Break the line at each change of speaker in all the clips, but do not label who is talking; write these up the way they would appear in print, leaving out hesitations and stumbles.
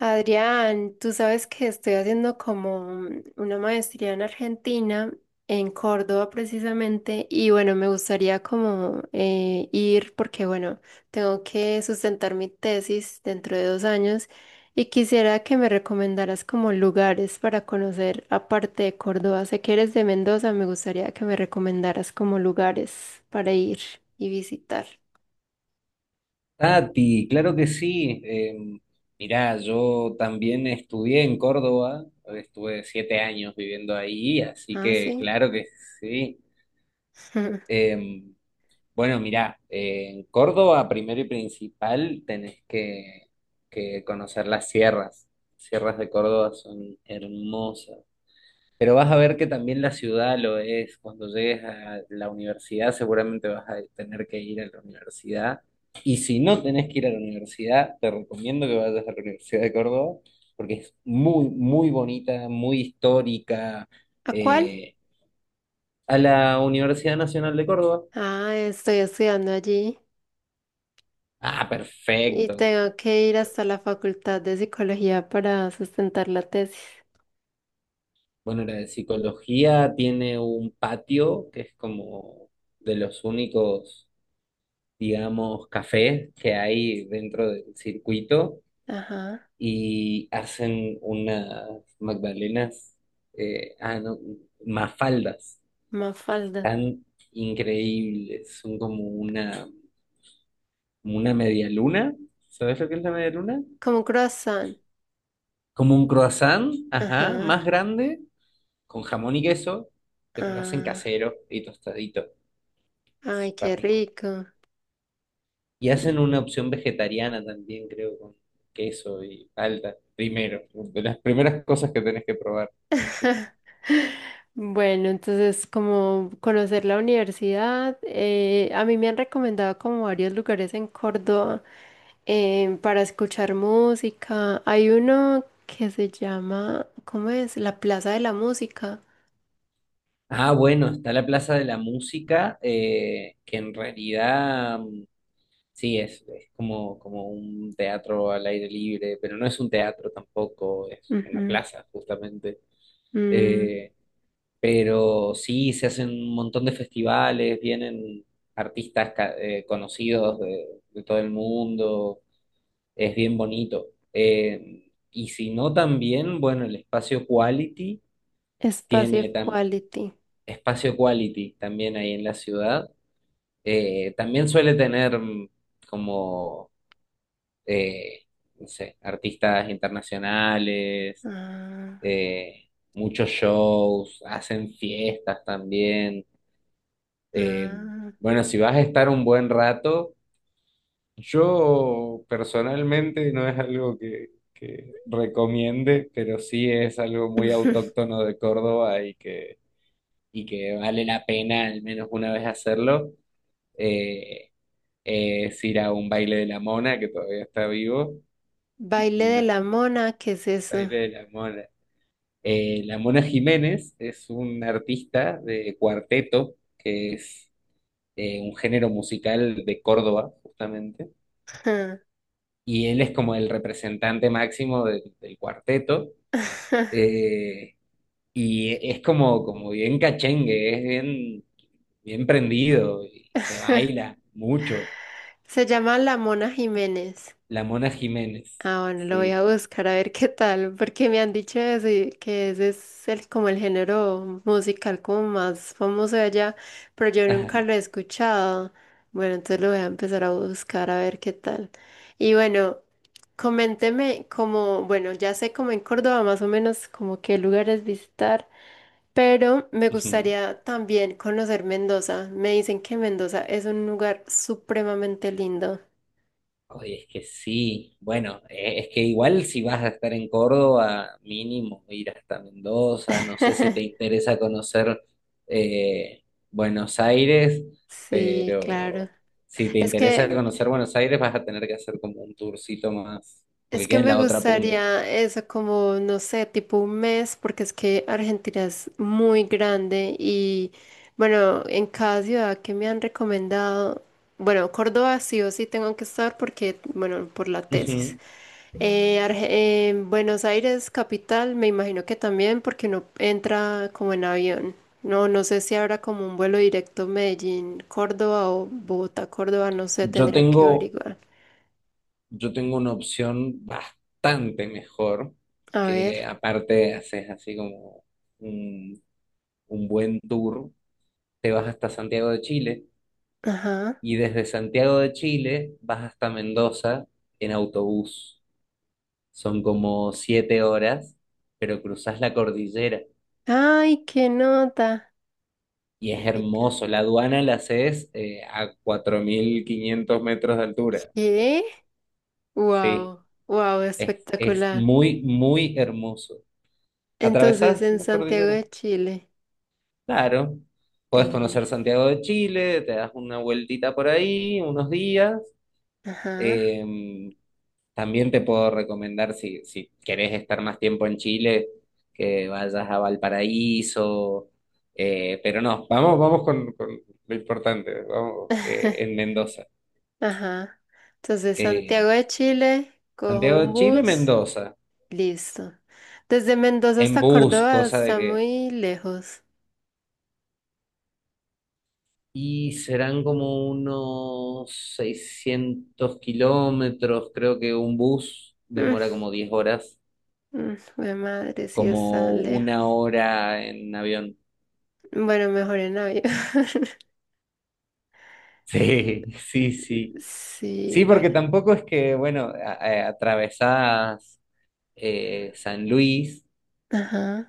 Adrián, tú sabes que estoy haciendo como una maestría en Argentina, en Córdoba precisamente, y bueno, me gustaría como ir porque bueno, tengo que sustentar mi tesis dentro de 2 años y quisiera que me recomendaras como lugares para conocer aparte de Córdoba. Sé que eres de Mendoza, me gustaría que me recomendaras como lugares para ir y visitar.
Tati, claro que sí. Mirá, yo también estudié en Córdoba, estuve 7 años viviendo ahí, así
Ah,
que
sí.
claro que sí. Eh, bueno, mirá, en Córdoba, primero y principal, tenés que conocer las sierras. Sierras de Córdoba son hermosas. Pero vas a ver que también la ciudad lo es. Cuando llegues a la universidad, seguramente vas a tener que ir a la universidad. Y si no tenés que ir a la universidad, te recomiendo que vayas a la Universidad de Córdoba, porque es muy, muy bonita, muy histórica.
¿A cuál?
Eh, a la Universidad Nacional de Córdoba.
Ah, estoy estudiando allí.
Ah,
Y
perfecto.
tengo que ir hasta la Facultad de Psicología para sustentar la tesis.
Bueno, la de psicología tiene un patio que es como de los únicos, digamos, cafés que hay dentro del circuito
Ajá.
y hacen unas magdalenas, ah, no, mafaldas,
Mafalda.
tan increíbles, son como una media luna. ¿Sabes lo que es la media luna?
Como un croissant.
Como un croissant, ajá,
Ajá.
más grande, con jamón y queso, pero lo hacen
Ah,
casero y tostadito,
ay,
súper
qué
rico.
rico.
Y hacen una opción vegetariana también, creo, con queso y palta, primero, de las primeras cosas que tenés que probar.
Bueno, entonces como conocer la universidad, a mí me han recomendado como varios lugares en Córdoba, para escuchar música. Hay uno que se llama, ¿cómo es? La Plaza de la Música.
Ah, bueno, está la Plaza de la Música, que en realidad sí es como un teatro al aire libre, pero no es un teatro tampoco, es una
Ujú.
plaza justamente.
Mm.
Eh, pero sí, se hacen un montón de festivales, vienen artistas conocidos de todo el mundo, es bien bonito. Eh, y si no, también, bueno, el espacio Quality
Espacio
tiene tam-
Equality.
espacio Quality también ahí en la ciudad. También suele tener como, eh, no sé, artistas internacionales,
Ah,
muchos shows, hacen fiestas también. Eh,
ah.
bueno, si vas a estar un buen rato, yo personalmente no es algo que recomiende, pero sí es algo muy autóctono de Córdoba y que vale la pena al menos una vez hacerlo. Eh, es ir a un baile de la Mona, que todavía está vivo.
Baile de
No,
la mona, ¿qué es eso?
Baile de la Mona. La Mona Jiménez es un artista de cuarteto, que es un género musical de Córdoba, justamente, y él es como el representante máximo del cuarteto. eh, y es como bien cachengue, es bien, bien prendido y se baila mucho.
Se llama La Mona Jiménez.
La Mona Jiménez,
Ah, bueno, lo voy a
sí.
buscar a ver qué tal, porque me han dicho eso y que ese es el, como el género musical como más famoso de allá, pero yo nunca
Ajá.
lo he escuchado. Bueno, entonces lo voy a empezar a buscar a ver qué tal. Y bueno, coménteme como, bueno, ya sé como en Córdoba más o menos como qué lugares visitar, pero me
Ujú.
gustaría también conocer Mendoza. Me dicen que Mendoza es un lugar supremamente lindo.
Oye, es que sí, bueno, es que igual si vas a estar en Córdoba, mínimo ir hasta Mendoza, no sé si te interesa conocer eh, Buenos Aires,
Sí, claro.
pero si te
Es
interesa
que
conocer Buenos Aires vas a tener que hacer como un tourcito más,
Es
porque
que
queda en
me
la otra punta.
gustaría eso como, no sé, tipo un mes, porque es que Argentina es muy grande y bueno, en cada ciudad que me han recomendado, bueno, Córdoba sí o sí tengo que estar porque, bueno, por la tesis.
Ujú.
Buenos Aires, capital, me imagino que también porque uno entra como en avión. No, no sé si habrá como un vuelo directo Medellín, Córdoba o Bogotá, Córdoba, no sé,
Yo
tendría que
tengo,
averiguar.
yo tengo una opción bastante mejor,
A ver,
que aparte haces así como un, un buen tour. Te vas hasta Santiago de Chile
ajá.
y desde Santiago de Chile vas hasta Mendoza en autobús. Son como siete horas, pero cruzas la cordillera
Ay, qué nota.
y es hermoso. La aduana la haces a 4500 metros de altura.
¿Qué?
Sí,
Wow, wow,
es
espectacular.
muy, muy hermoso.
Entonces,
¿Atravesás
en
la
Santiago
cordillera?
de Chile,
Claro.
el
Puedes conocer
Liz.
Santiago de Chile, te das una vueltita por ahí, unos días.
Ajá.
Eh, También te puedo recomendar, si querés estar más tiempo en Chile, que vayas a Valparaíso. Pero no, vamos, vamos con lo importante, vamos en Mendoza.
Ajá. Entonces, Santiago
Eh,
de Chile, cojo
Santiago
un
de Chile,
bus,
Mendoza,
listo. Desde Mendoza
en
hasta
bus,
Córdoba
cosa de
está
que...
muy lejos.
Y serán como unos 600 kilómetros, creo que un bus
Mm,
demora como 10 horas,
mm, jue madre, sí está
como una
lejos.
hora en avión.
Bueno, mejor en avión.
Sí, sí, sí.
Sí,
Sí, porque
bueno.
tampoco es que, bueno, atravesás San Luis,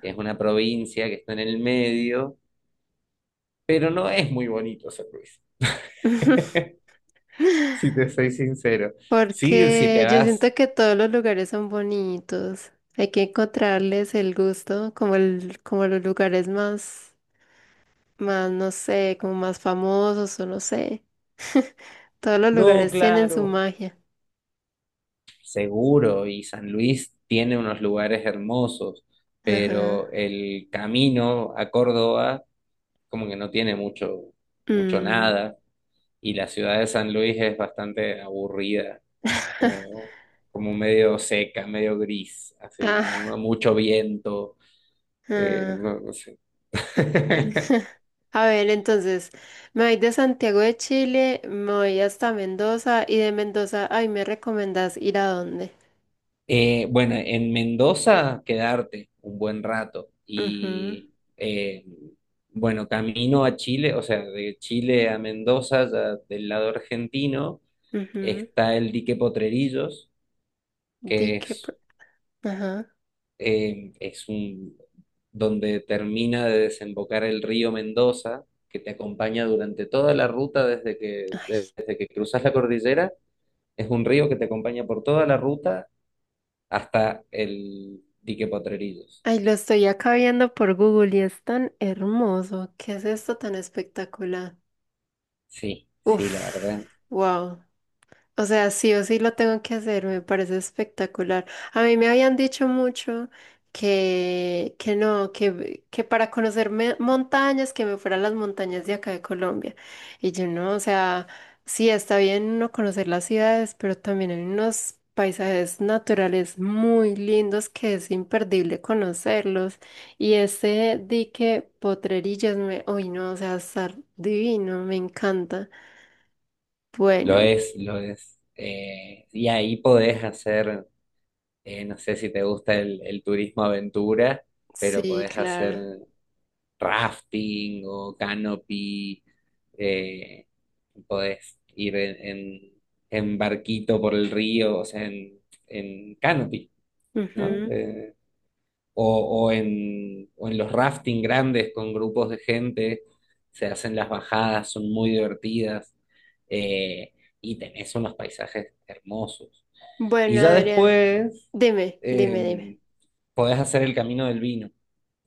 que es una provincia que está en el medio, pero no es muy bonito San Luis, si te soy sincero. Sí, si te
Porque yo
vas,
siento que todos los lugares son bonitos. Hay que encontrarles el gusto, como el, como los lugares más, más, no sé, como más famosos o no sé. Todos los
no,
lugares tienen su
claro,
magia.
seguro, y San Luis tiene unos lugares hermosos, pero
Ajá.
el camino a Córdoba como que no tiene mucho, mucho
Mm.
nada, y la ciudad de San Luis es bastante aburrida como, como medio seca, medio gris, así,
Ah,
¿no? Mucho viento,
ah.
no, no sé.
A ver, entonces, me voy de Santiago de Chile, me voy hasta Mendoza y de Mendoza, ay, ¿me recomendás ir a dónde?
Bueno, en Mendoza quedarte un buen rato
Ajá,
y eh, bueno, camino a Chile, o sea, de Chile a Mendoza, ya del lado argentino,
ajá.
está el dique Potrerillos,
Di
que
que,
es
ajá.
eh, es un, donde termina de desembocar el río Mendoza, que te acompaña durante toda la ruta desde que,
Ay,
desde que cruzas la cordillera. Es un río que te acompaña por toda la ruta hasta el dique Potrerillos.
ay, lo estoy acá viendo por Google y es tan hermoso. ¿Qué es esto tan espectacular?
Sí, sí, la
Uf,
verdad.
wow. O sea, sí o sí lo tengo que hacer, me parece espectacular. A mí me habían dicho mucho que no, que para conocerme montañas, que me fuera a las montañas de acá de Colombia. Y yo no, o sea, sí está bien uno conocer las ciudades, pero también hay unos paisajes naturales muy lindos que es imperdible conocerlos. Y ese dique Potrerillas, me, uy no, o sea, estar divino, me encanta.
Lo
Bueno,
es, lo es. Y ahí podés hacer, no sé si te gusta el turismo aventura, pero
sí,
podés hacer
claro.
rafting o canopy, eh, podés ir en barquito por el río, o sea, en canopy, ¿no?
Ujú.
O, o en los rafting grandes con grupos de gente, se hacen las bajadas, son muy divertidas, eh, y tenés unos paisajes hermosos. Y
Bueno,
ya
Adrián,
después...
dime, dime, dime.
em, podés hacer el camino del vino.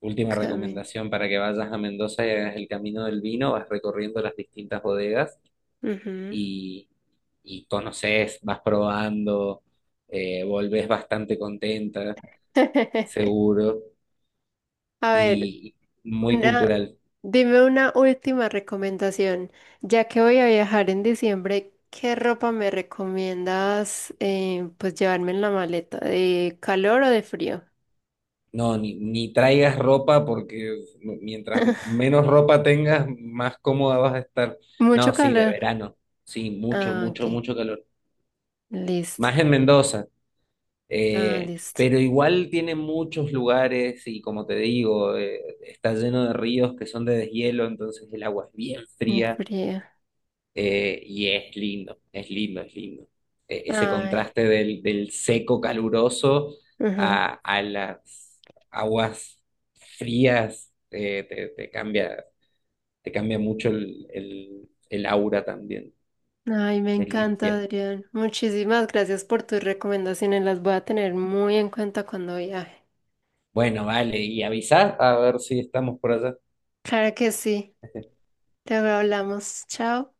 Última
Camino.
recomendación para que vayas a Mendoza y hagas el camino del vino, vas recorriendo las distintas bodegas
Ujú.
y, y conoces, vas probando, volvés bastante contenta, seguro,
A ver,
y muy
una,
cultural.
dime una última recomendación. Ya que voy a viajar en diciembre, ¿qué ropa me recomiendas, pues llevarme en la maleta? ¿De calor o de frío?
No, ni traigas ropa porque mientras menos ropa tengas, más cómoda vas a estar.
Mucho
No, sí, de
calor.
verano, sí, mucho,
Ah,
mucho,
ok.
mucho calor.
Listo.
Más en Mendoza.
Ah, listo.
Pero igual tiene muchos lugares y como te digo, está lleno de ríos que son de deshielo, entonces el agua es bien
De
fría
frío.
y es lindo, es lindo, es lindo. Ese
Ay,
contraste del seco caluroso
ujú.
a las aguas frías, te cambia, te cambia mucho el aura también,
Ay, me
te
encanta,
limpia.
Adrián. Muchísimas gracias por tus recomendaciones. Las voy a tener muy en cuenta cuando viaje.
Bueno, vale, y avisá a ver si estamos por allá.
Claro que sí. Luego hablamos. Chao.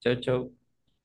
Chau, chau.